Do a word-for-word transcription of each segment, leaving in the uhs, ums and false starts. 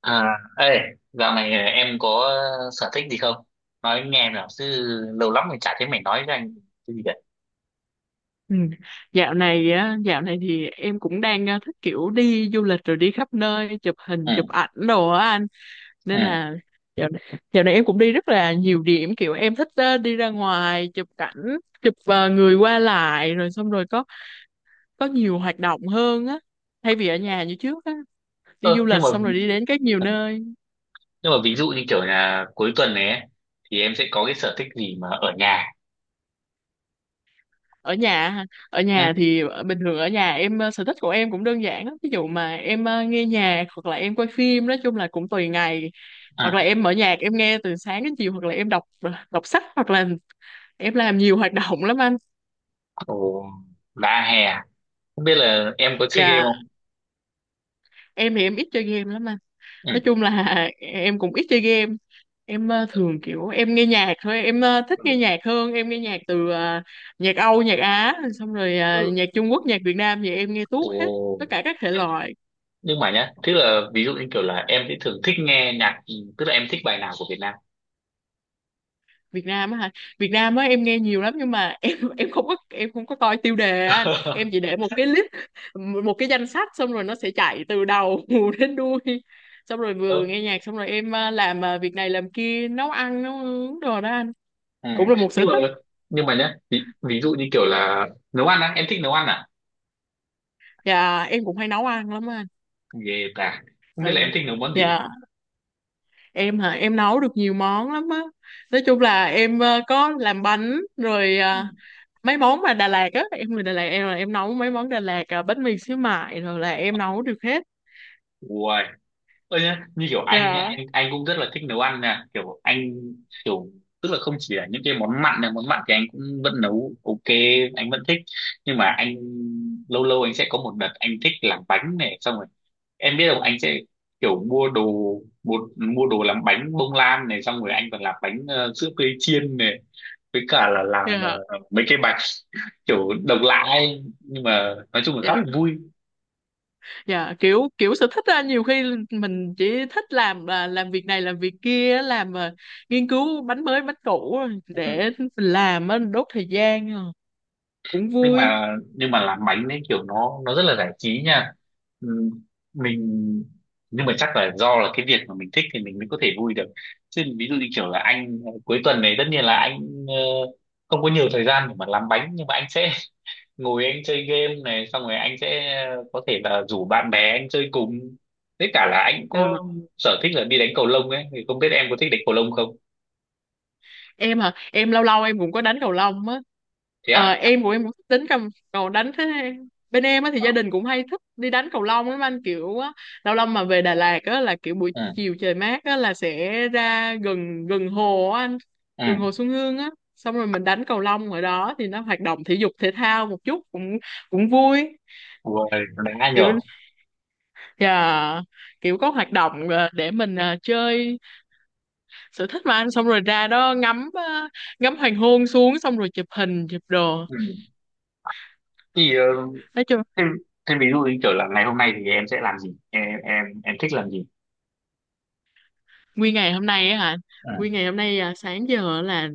À, ê, dạo này à, em có sở thích gì không? Nói anh nghe nào, chứ lâu lắm rồi chả thấy mày nói với anh cái gì cả. Ừ. Dạo này á, dạo này thì em cũng đang ờ, thích kiểu đi du lịch rồi đi khắp nơi chụp hình Ừ, chụp ảnh đồ á anh, nên ừ. là dạo này, dạo này em cũng đi rất là nhiều điểm, kiểu em thích ờ, đi ra ngoài chụp cảnh, chụp ờ, người qua lại rồi xong rồi có có nhiều hoạt động hơn á, thay vì ở nhà như trước á, đi du Ơ, nhưng lịch mà xong rồi ví- đi đến các nhiều ừ, nơi. nhưng mà ví dụ như kiểu là cuối tuần này ấy, thì em sẽ có cái sở thích gì mà ở nhà. Ở nhà hả? Ở Ừ, nhà thì bình thường ở nhà em ờ, sở thích của em cũng đơn giản lắm, ví dụ mà em ờ, nghe nhạc hoặc là em coi phim, nói chung là cũng tùy ngày, ừ. hoặc là em mở nhạc em nghe từ sáng đến chiều, hoặc là em đọc ờ, đọc sách, hoặc là em làm nhiều hoạt động lắm anh. Ồ, đã hè, à? Không biết là em có chơi game Và không? em thì em ít chơi game lắm anh, Ừ. nói chung là em cũng ít chơi game, em ờ, thường kiểu em nghe nhạc thôi, em ờ, thích nghe nhạc hơn, em nghe nhạc từ ờ, nhạc Âu nhạc Á, xong rồi ờ, Ừ. nhạc Trung Quốc nhạc Việt Nam thì em nghe Ồ. tuốt hết tất cả các thể loại. Nhưng mà nhá, tức là ví dụ như kiểu là em sẽ thường thích nghe nhạc, tức là em thích bài nào của Việt Nam. Việt Nam á hả? Việt Nam á em nghe nhiều lắm nhưng mà em em không có em không có coi tiêu đề á anh. Em chỉ để một cái list một cái danh sách, xong rồi nó sẽ chạy từ đầu đến đuôi. Xong rồi vừa nghe nhạc xong rồi em à, làm à, việc này làm kia, nấu ăn nấu uống đồ đó anh. Ừ. Cũng là một sở Nhưng mà thích. nhưng mà nhá, ví, ví dụ như kiểu là nấu ăn á, em thích nấu ăn à? Dạ em cũng hay nấu ăn lắm á anh. Ghê ta, không Ờ, biết là dạ, em thích nấu món gì. dạ, em hả? Em nấu được nhiều món lắm á. Nói chung là em à, có làm bánh rồi, Ừ. à, mấy món mà Đà Lạt á, em người Đà Lạt, em là em nấu mấy món Đà Lạt, à, bánh mì xíu mại rồi là em nấu được hết. Uầy. Ơ nhá, như kiểu anh nhá, Dạ, anh anh cũng rất là thích nấu ăn nha, kiểu anh kiểu tức là không chỉ là những cái món mặn này món mặn thì anh cũng vẫn nấu ok, anh vẫn thích. Nhưng mà anh lâu lâu anh sẽ có một đợt anh thích làm bánh này, xong rồi em biết không anh sẽ kiểu mua đồ một mua đồ làm bánh bông lan này, xong rồi anh còn làm bánh ờ, sữa tươi chiên này, với cả là làm dạ, ờ, mấy cái bài kiểu độc lạ ấy. Nhưng mà nói chung là khá dạ, là vui. dạ, kiểu kiểu sở thích á, nhiều khi mình chỉ thích làm, à, làm việc này làm việc kia á, làm à, nghiên cứu bánh mới bánh cũ á, Ừ. để mình làm á, đốt thời gian à. Cũng nhưng vui. mà nhưng mà làm bánh ấy kiểu nó nó rất là giải trí nha. Ừ. mình nhưng mà chắc là do là cái việc mà mình thích thì mình mới có thể vui được, chứ ví dụ như kiểu là anh ờ, cuối tuần này tất nhiên là anh ờ, không có nhiều thời gian để mà làm bánh. Nhưng mà anh sẽ ngồi anh chơi game này, xong rồi anh sẽ có thể là rủ bạn bè anh chơi cùng, với cả là anh có Dạ. sở thích là đi đánh cầu lông ấy. Thì không biết em có thích đánh cầu lông không? Em hả? Em lâu lâu em cũng có đánh cầu lông á. Thế Ờ, á. em của em cũng thích đánh cầm cầu đánh thế, bên em á thì Ờ. gia đình cũng hay thích đi đánh cầu lông lắm anh, kiểu á, lâu lâu mà về Đà Lạt á là kiểu buổi Ừ. chiều trời mát á là sẽ ra gần gần hồ á anh, gần hồ Ừ. Xuân Hương á, xong rồi mình đánh cầu lông ở đó thì nó hoạt động thể dục thể thao một chút, cũng cũng vui, Ui, đánh ai kiểu nhở? yeah, kiểu có hoạt động ờ, để mình ờ, chơi sở thích mà anh, xong rồi ra đó ngắm ờ, ngắm hoàng hôn xuống, xong rồi chụp hình chụp đồ, Ừ. Thì ờ, nói chung. thế, thế ví dụ như kiểu là ngày hôm nay thì em sẽ làm gì, em em em thích làm gì? Nguyên ngày hôm nay á hả? Ừ. Nguyên ngày hôm nay à, sáng giờ là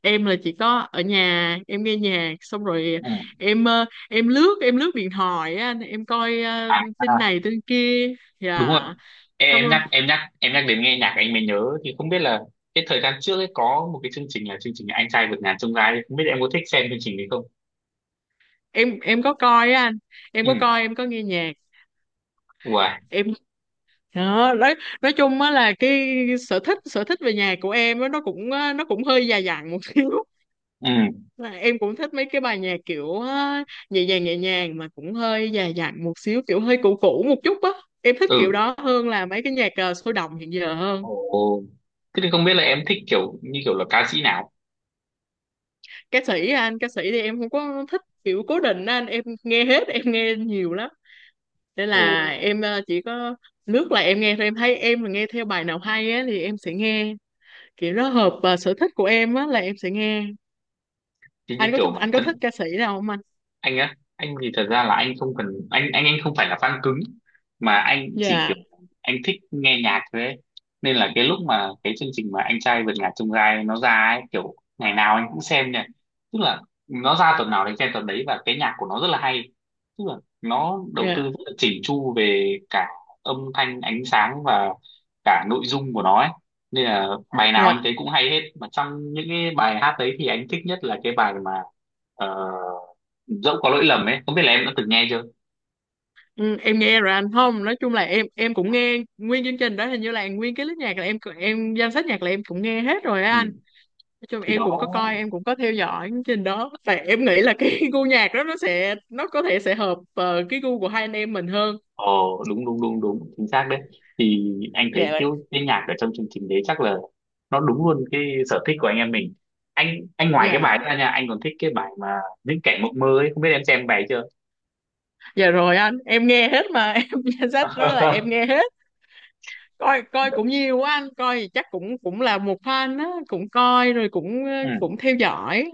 em là chỉ có ở nhà em nghe nhạc xong rồi Ừ. em ờ, em lướt em lướt điện thoại á anh. Em coi ờ, À, tin à, này tin kia. đúng rồi. Dạ, xong em rồi nhắc em nhắc em nhắc đến nghe nhạc anh mới nhớ, thì không biết là cái thời gian trước ấy có một cái chương trình là chương trình Anh Trai Vượt Ngàn Chông Gai ấy. Không biết em có thích xem chương trình đấy không? em em có coi á anh, em Ừ. có coi, em có nghe nhạc Wow. em đó. Nói nói chung á là cái sở thích sở thích về nhạc của em á, nó cũng ờ, nó cũng hơi già dặn một xíu. Ừ. Là em cũng thích mấy cái bài nhạc kiểu á, nhẹ nhàng nhẹ nhàng mà cũng hơi già dặn một xíu, kiểu hơi cũ cũ một chút á, em thích kiểu Ừ. đó hơn là mấy cái nhạc ờ, sôi động hiện giờ hơn. Ồ. Thế thì không biết là em thích kiểu như kiểu là ca sĩ nào? Ca sĩ anh? Ca sĩ thì em không có thích kiểu cố định á anh, em nghe hết, em nghe nhiều lắm, nên là Ồ. em ờ, chỉ có lướt là em nghe thôi, em thấy em mà nghe theo bài nào hay á thì em sẽ nghe, kiểu nó hợp ờ, sở thích của em á là em sẽ nghe. Thì như anh có kiểu thích bản anh có thích thân ca sĩ nào không anh? anh á, anh thì thật ra là anh không cần, anh anh anh không phải là fan cứng, mà anh chỉ Dạ. kiểu anh thích nghe nhạc thôi ấy. Nên là cái lúc mà cái chương trình mà Anh Trai Vượt Ngàn Chông Gai nó ra ấy, kiểu ngày nào anh cũng xem nha, tức là nó ra tuần nào anh xem tuần đấy, và cái nhạc của nó rất là hay, tức là nó đầu tư Dạ. rất là chỉnh chu về cả âm thanh ánh sáng và cả nội dung của nó ấy, nên là bài nào Dạ. anh thấy cũng hay hết, mà trong những cái bài hát đấy thì anh thích nhất là cái bài mà ờ, dẫu có lỗi lầm ấy. Không biết là em đã từng nghe chưa? Ừ, em nghe rồi anh, không nói chung là em em cũng nghe nguyên chương trình đó, hình như là nguyên cái list nhạc là em em danh sách nhạc là em cũng nghe hết rồi á anh. Ừ. Nói chung Thì em đó. cũng có coi, em cũng có theo dõi chương trình đó, tại em nghĩ là cái gu nhạc đó nó sẽ nó có thể sẽ hợp ờ, cái gu của hai anh em mình hơn. ờ Đúng đúng đúng đúng chính xác đấy. Thì anh Dạ thấy là- kiểu cái nhạc ở trong chương trình đấy chắc là nó đúng luôn cái sở thích của anh em mình. Anh anh ngoài cái dạ. bài đó ra nha, anh còn thích cái bài mà những kẻ mộng mơ ấy. Không biết em xem bài chưa? Dạ rồi anh, em nghe hết mà em danh sách đó là em nghe hết. Coi coi cũng nhiều quá anh, coi thì chắc cũng cũng là một fan á, cũng coi rồi cũng ờ, Ừ. cũng theo dõi.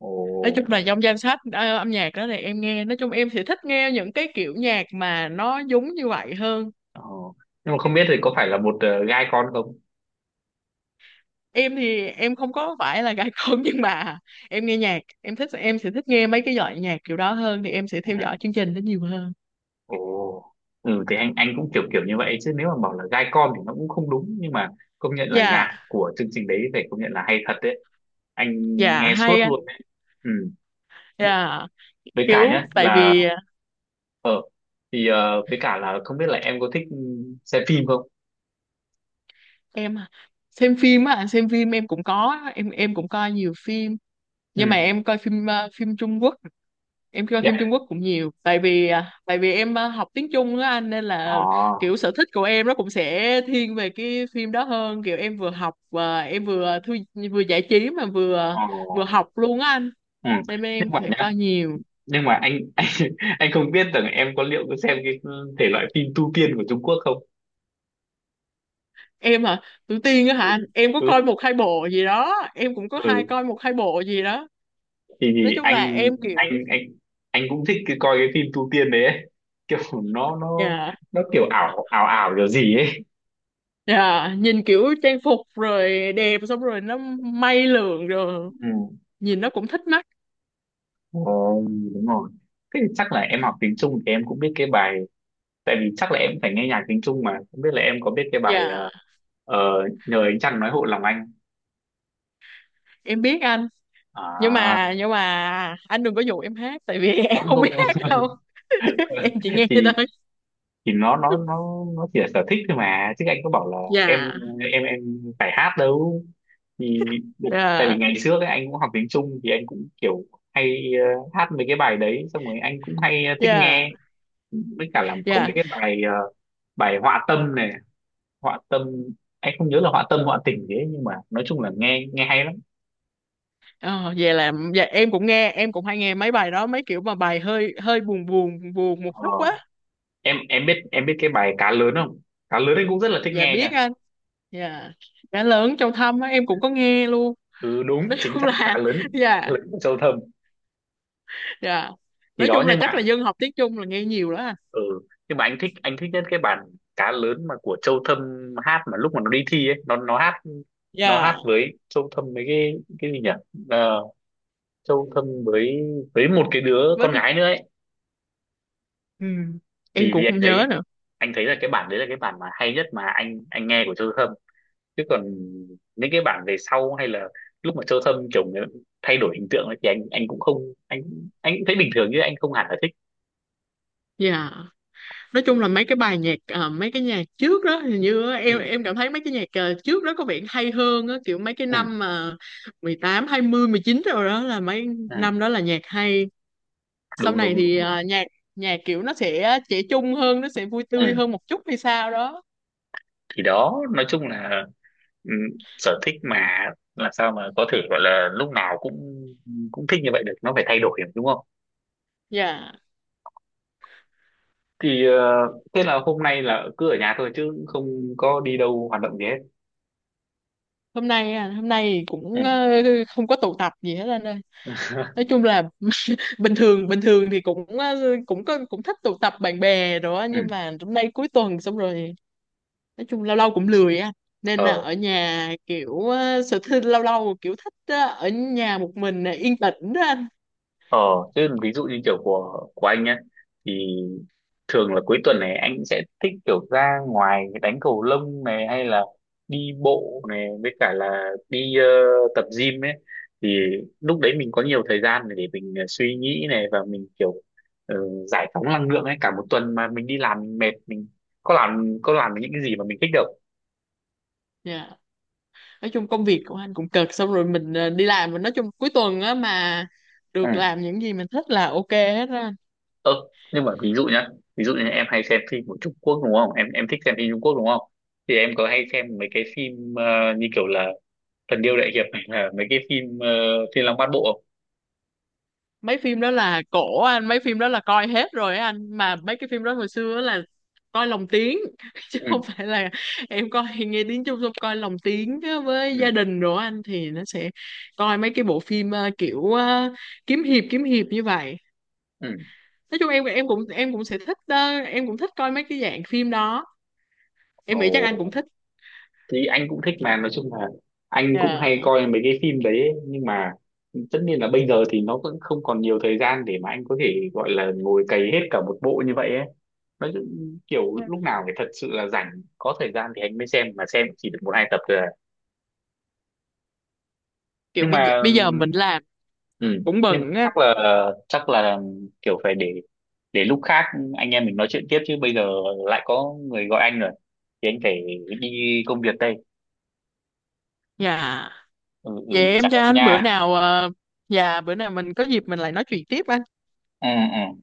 Ồ. Nói chung là trong danh sách ờ, âm nhạc đó thì em nghe, nói chung em sẽ thích nghe những cái kiểu nhạc mà nó giống như vậy hơn. Ờ. Nhưng mà không biết thì có phải là một ờ, gai con không? Em thì em không có phải là gái con nhưng mà em nghe nhạc, em thích em sẽ thích nghe mấy cái loại nhạc kiểu đó hơn thì em sẽ theo dõi Ừ. chương trình đó nhiều hơn. Ồ. Ừ thì anh anh cũng kiểu kiểu như vậy, chứ nếu mà bảo là gai con thì nó cũng không đúng. Nhưng mà công nhận là Dạ. nhạc của chương trình đấy phải công nhận là hay thật đấy. Anh Dạ nghe suốt hay anh. luôn đấy. Ừ. Dạ, Với cả kiểu nhá, tại là vì ờ, ờ thì ờ, với cả là không biết là em có thích ừ, xem phim không? em xem phim á anh, xem phim em cũng có, em em cũng coi nhiều phim, nhưng mà Ừ. em coi phim ờ, phim Trung Quốc, em coi phim Yeah. Trung Quốc cũng nhiều, tại vì à, tại vì em à, học tiếng Trung á anh, nên Ờ. là kiểu sở thích của em nó cũng sẽ thiên về cái phim đó hơn, kiểu em vừa học và em vừa thư, vừa giải trí mà vừa Ờ. vừa học luôn á anh, Ừ. nên bên em Nhưng mà sẽ nhá, coi nhiều. nhưng mà anh anh anh không biết rằng em có liệu có xem cái thể loại phim tu tiên của Trung Quốc không? Em hả? Tuổi tiên á Ừ. hả anh? Em có Ừ. coi một hai bộ gì đó, em cũng có hai Ừ. coi một hai bộ gì đó. thì, Nói thì chung là anh em kiểu. anh anh anh cũng thích cái, coi cái phim tu tiên đấy ấy. Kiểu nó nó Dạ. nó kiểu ảo ảo ảo kiểu gì ấy. Dạ, nhìn kiểu trang phục rồi đẹp, xong rồi nó may lượn rồi, Ừ. nhìn nó cũng thích mắt. Ồ, đúng rồi. Thế thì chắc là em học tiếng Trung thì em cũng biết cái bài, tại vì chắc là em phải nghe nhạc tiếng Trung mà. Không biết là em có biết cái bài ờ, Dạ ờ, Nhờ Ánh Trăng Nói Hộ Lòng Anh? em biết anh, nhưng À, mà nhưng mà anh đừng có dụ em hát, tại vì có em không, không biết hát không. đâu. Em chỉ nghe thì thôi. thì nó nó nó nó chỉ là sở thích thôi mà, chứ anh có bảo là em Dạ. em em phải hát đâu. Thì tại vì Dạ. ngày trước ấy, anh cũng học tiếng Trung thì anh cũng kiểu hay ờ, hát mấy cái bài đấy, xong rồi anh cũng hay ờ, thích Dạ. nghe. Với cả là có mấy Dạ. cái bài ờ, bài Họa Tâm này, họa tâm, anh không nhớ là họa tâm họa tình thế. Nhưng mà nói chung là nghe nghe hay lắm. Ờ, vậy là dạ, em cũng nghe em cũng hay nghe mấy bài đó, mấy kiểu mà bài hơi hơi buồn buồn buồn một chút ờ, quá. em em biết em biết cái bài Cá Lớn không? Cá lớn anh cũng rất là thích Dạ nghe biết nha. anh. Dạ, đã lớn trong thâm á em cũng có nghe luôn. Ừ, đúng Nói chính chung xác, cá là lớn cá dạ. lớn của Châu Thâm. Dạ, Thì nói đó. chung là Nhưng chắc là mà. dân học tiếng Trung là nghe nhiều đó à. Ừ. Nhưng mà anh thích anh thích nhất cái bản cá lớn mà của Châu Thâm hát, mà lúc mà nó đi thi ấy, nó nó hát nó hát Dạ với Châu Thâm với cái cái gì nhỉ. Ờ, Châu Thâm với với một cái đứa con với. gái nữa ấy. Ừ, em Thì cũng vì anh không thấy nhớ nữa. anh thấy là cái bản đấy là cái bản mà hay nhất mà anh anh nghe của Châu Thâm. Chứ còn những cái bản về sau, hay là lúc mà Châu Thâm kiểu như thay đổi hình tượng ấy, thì anh anh cũng không, anh anh cũng thấy bình thường, chứ anh không hẳn là thích. Dạ, nói chung là mấy cái bài nhạc, ờ, mấy cái nhạc trước đó hình như á, Ừ. em em cảm thấy mấy cái nhạc ờ, trước đó có vẻ hay hơn á, kiểu mấy cái Ừ. năm mà mười tám hai mươi mười chín rồi đó là mấy năm Ừ. đó là nhạc hay. Sau Đúng này đúng đúng, thì đúng. ờ, nhạc nhạc kiểu nó sẽ trẻ trung hơn, nó sẽ vui tươi Ừ. hơn một chút hay sao đó. Thì đó, nói chung là ừ, sở thích mà, làm sao mà có thể gọi là lúc nào cũng cũng thích như vậy được, nó phải thay đổi đúng không? Dạ. Thì ờ, thế là hôm nay là cứ ở nhà thôi, chứ không có đi đâu hoạt động gì hết. Hôm nay à, hôm nay Ừ. cũng ờ, không có tụ tập gì hết anh ơi, nói chung là bình thường, bình thường thì cũng ờ, cũng có cũng thích tụ tập bạn bè rồi á, Ừ. nhưng mà hôm nay cuối tuần xong rồi, nói chung lâu lâu cũng lười á, nên là ờ ở nhà kiểu ờ, sở thích lâu lâu, kiểu thích ờ, ở nhà một mình ờ, yên tĩnh đó anh. Ờ, Chứ ví dụ như kiểu của của anh nhá, thì thường là cuối tuần này anh sẽ thích kiểu ra ngoài đánh cầu lông này, hay là đi bộ này, với cả là đi ờ, tập gym ấy. Thì lúc đấy mình có nhiều thời gian để mình ờ, suy nghĩ này, và mình kiểu ờ, giải phóng năng lượng ấy. Cả một tuần mà mình đi làm mình mệt, mình có làm có làm được những cái gì mà mình thích đâu. Dạ. Nói chung công việc của anh cũng cực, xong rồi mình ờ, đi làm, mình nói chung cuối tuần á mà được làm những gì mình thích là ok hết á. Ơ, nhưng mà ví dụ nhá, ví dụ như em hay xem phim của Trung Quốc đúng không, em em thích xem phim Trung Quốc đúng không? Thì em có hay xem mấy cái phim ờ, như kiểu là Thần Điêu Đại Hiệp này, là mấy cái phim ờ, Thiên Long Bát Bộ không? Mấy phim đó là cổ anh, mấy phim đó là coi hết rồi á anh, mà mấy cái phim đó hồi xưa á là coi lồng tiếng chứ Ừ. không phải là em coi nghe tiếng Trung, xong coi lồng tiếng á với Ừ. gia đình rồi á anh, thì nó sẽ coi mấy cái bộ phim ờ, kiểu ờ, kiếm hiệp kiếm hiệp như vậy, Ừ. nói chung em em cũng em cũng sẽ thích ờ, em cũng thích coi mấy cái dạng phim đó, Ồ. em nghĩ chắc anh cũng thích. Thì anh cũng thích, mà nói chung là anh cũng Dạ. hay coi mấy cái phim đấy ấy. Nhưng mà tất nhiên là bây giờ thì nó vẫn không còn nhiều thời gian để mà anh có thể gọi là ngồi cày hết cả một bộ như vậy ấy. Nói chung, kiểu lúc nào phải thật sự là rảnh có thời gian thì anh mới xem, mà xem chỉ được một hai tập rồi à. Kiểu Nhưng bây giờ mà. bây giờ mình làm Ừ. cũng Nhưng mà bận á. chắc là chắc là kiểu phải để để lúc khác anh em mình nói chuyện tiếp, chứ bây giờ lại có người gọi anh rồi thì anh phải đi công việc đây. Dạ. Ừ, ừ. Vậy Chào em cho em anh bữa nha. nào, ờ, dạ bữa nào mình có dịp mình lại nói chuyện tiếp anh. Ừ, ừ.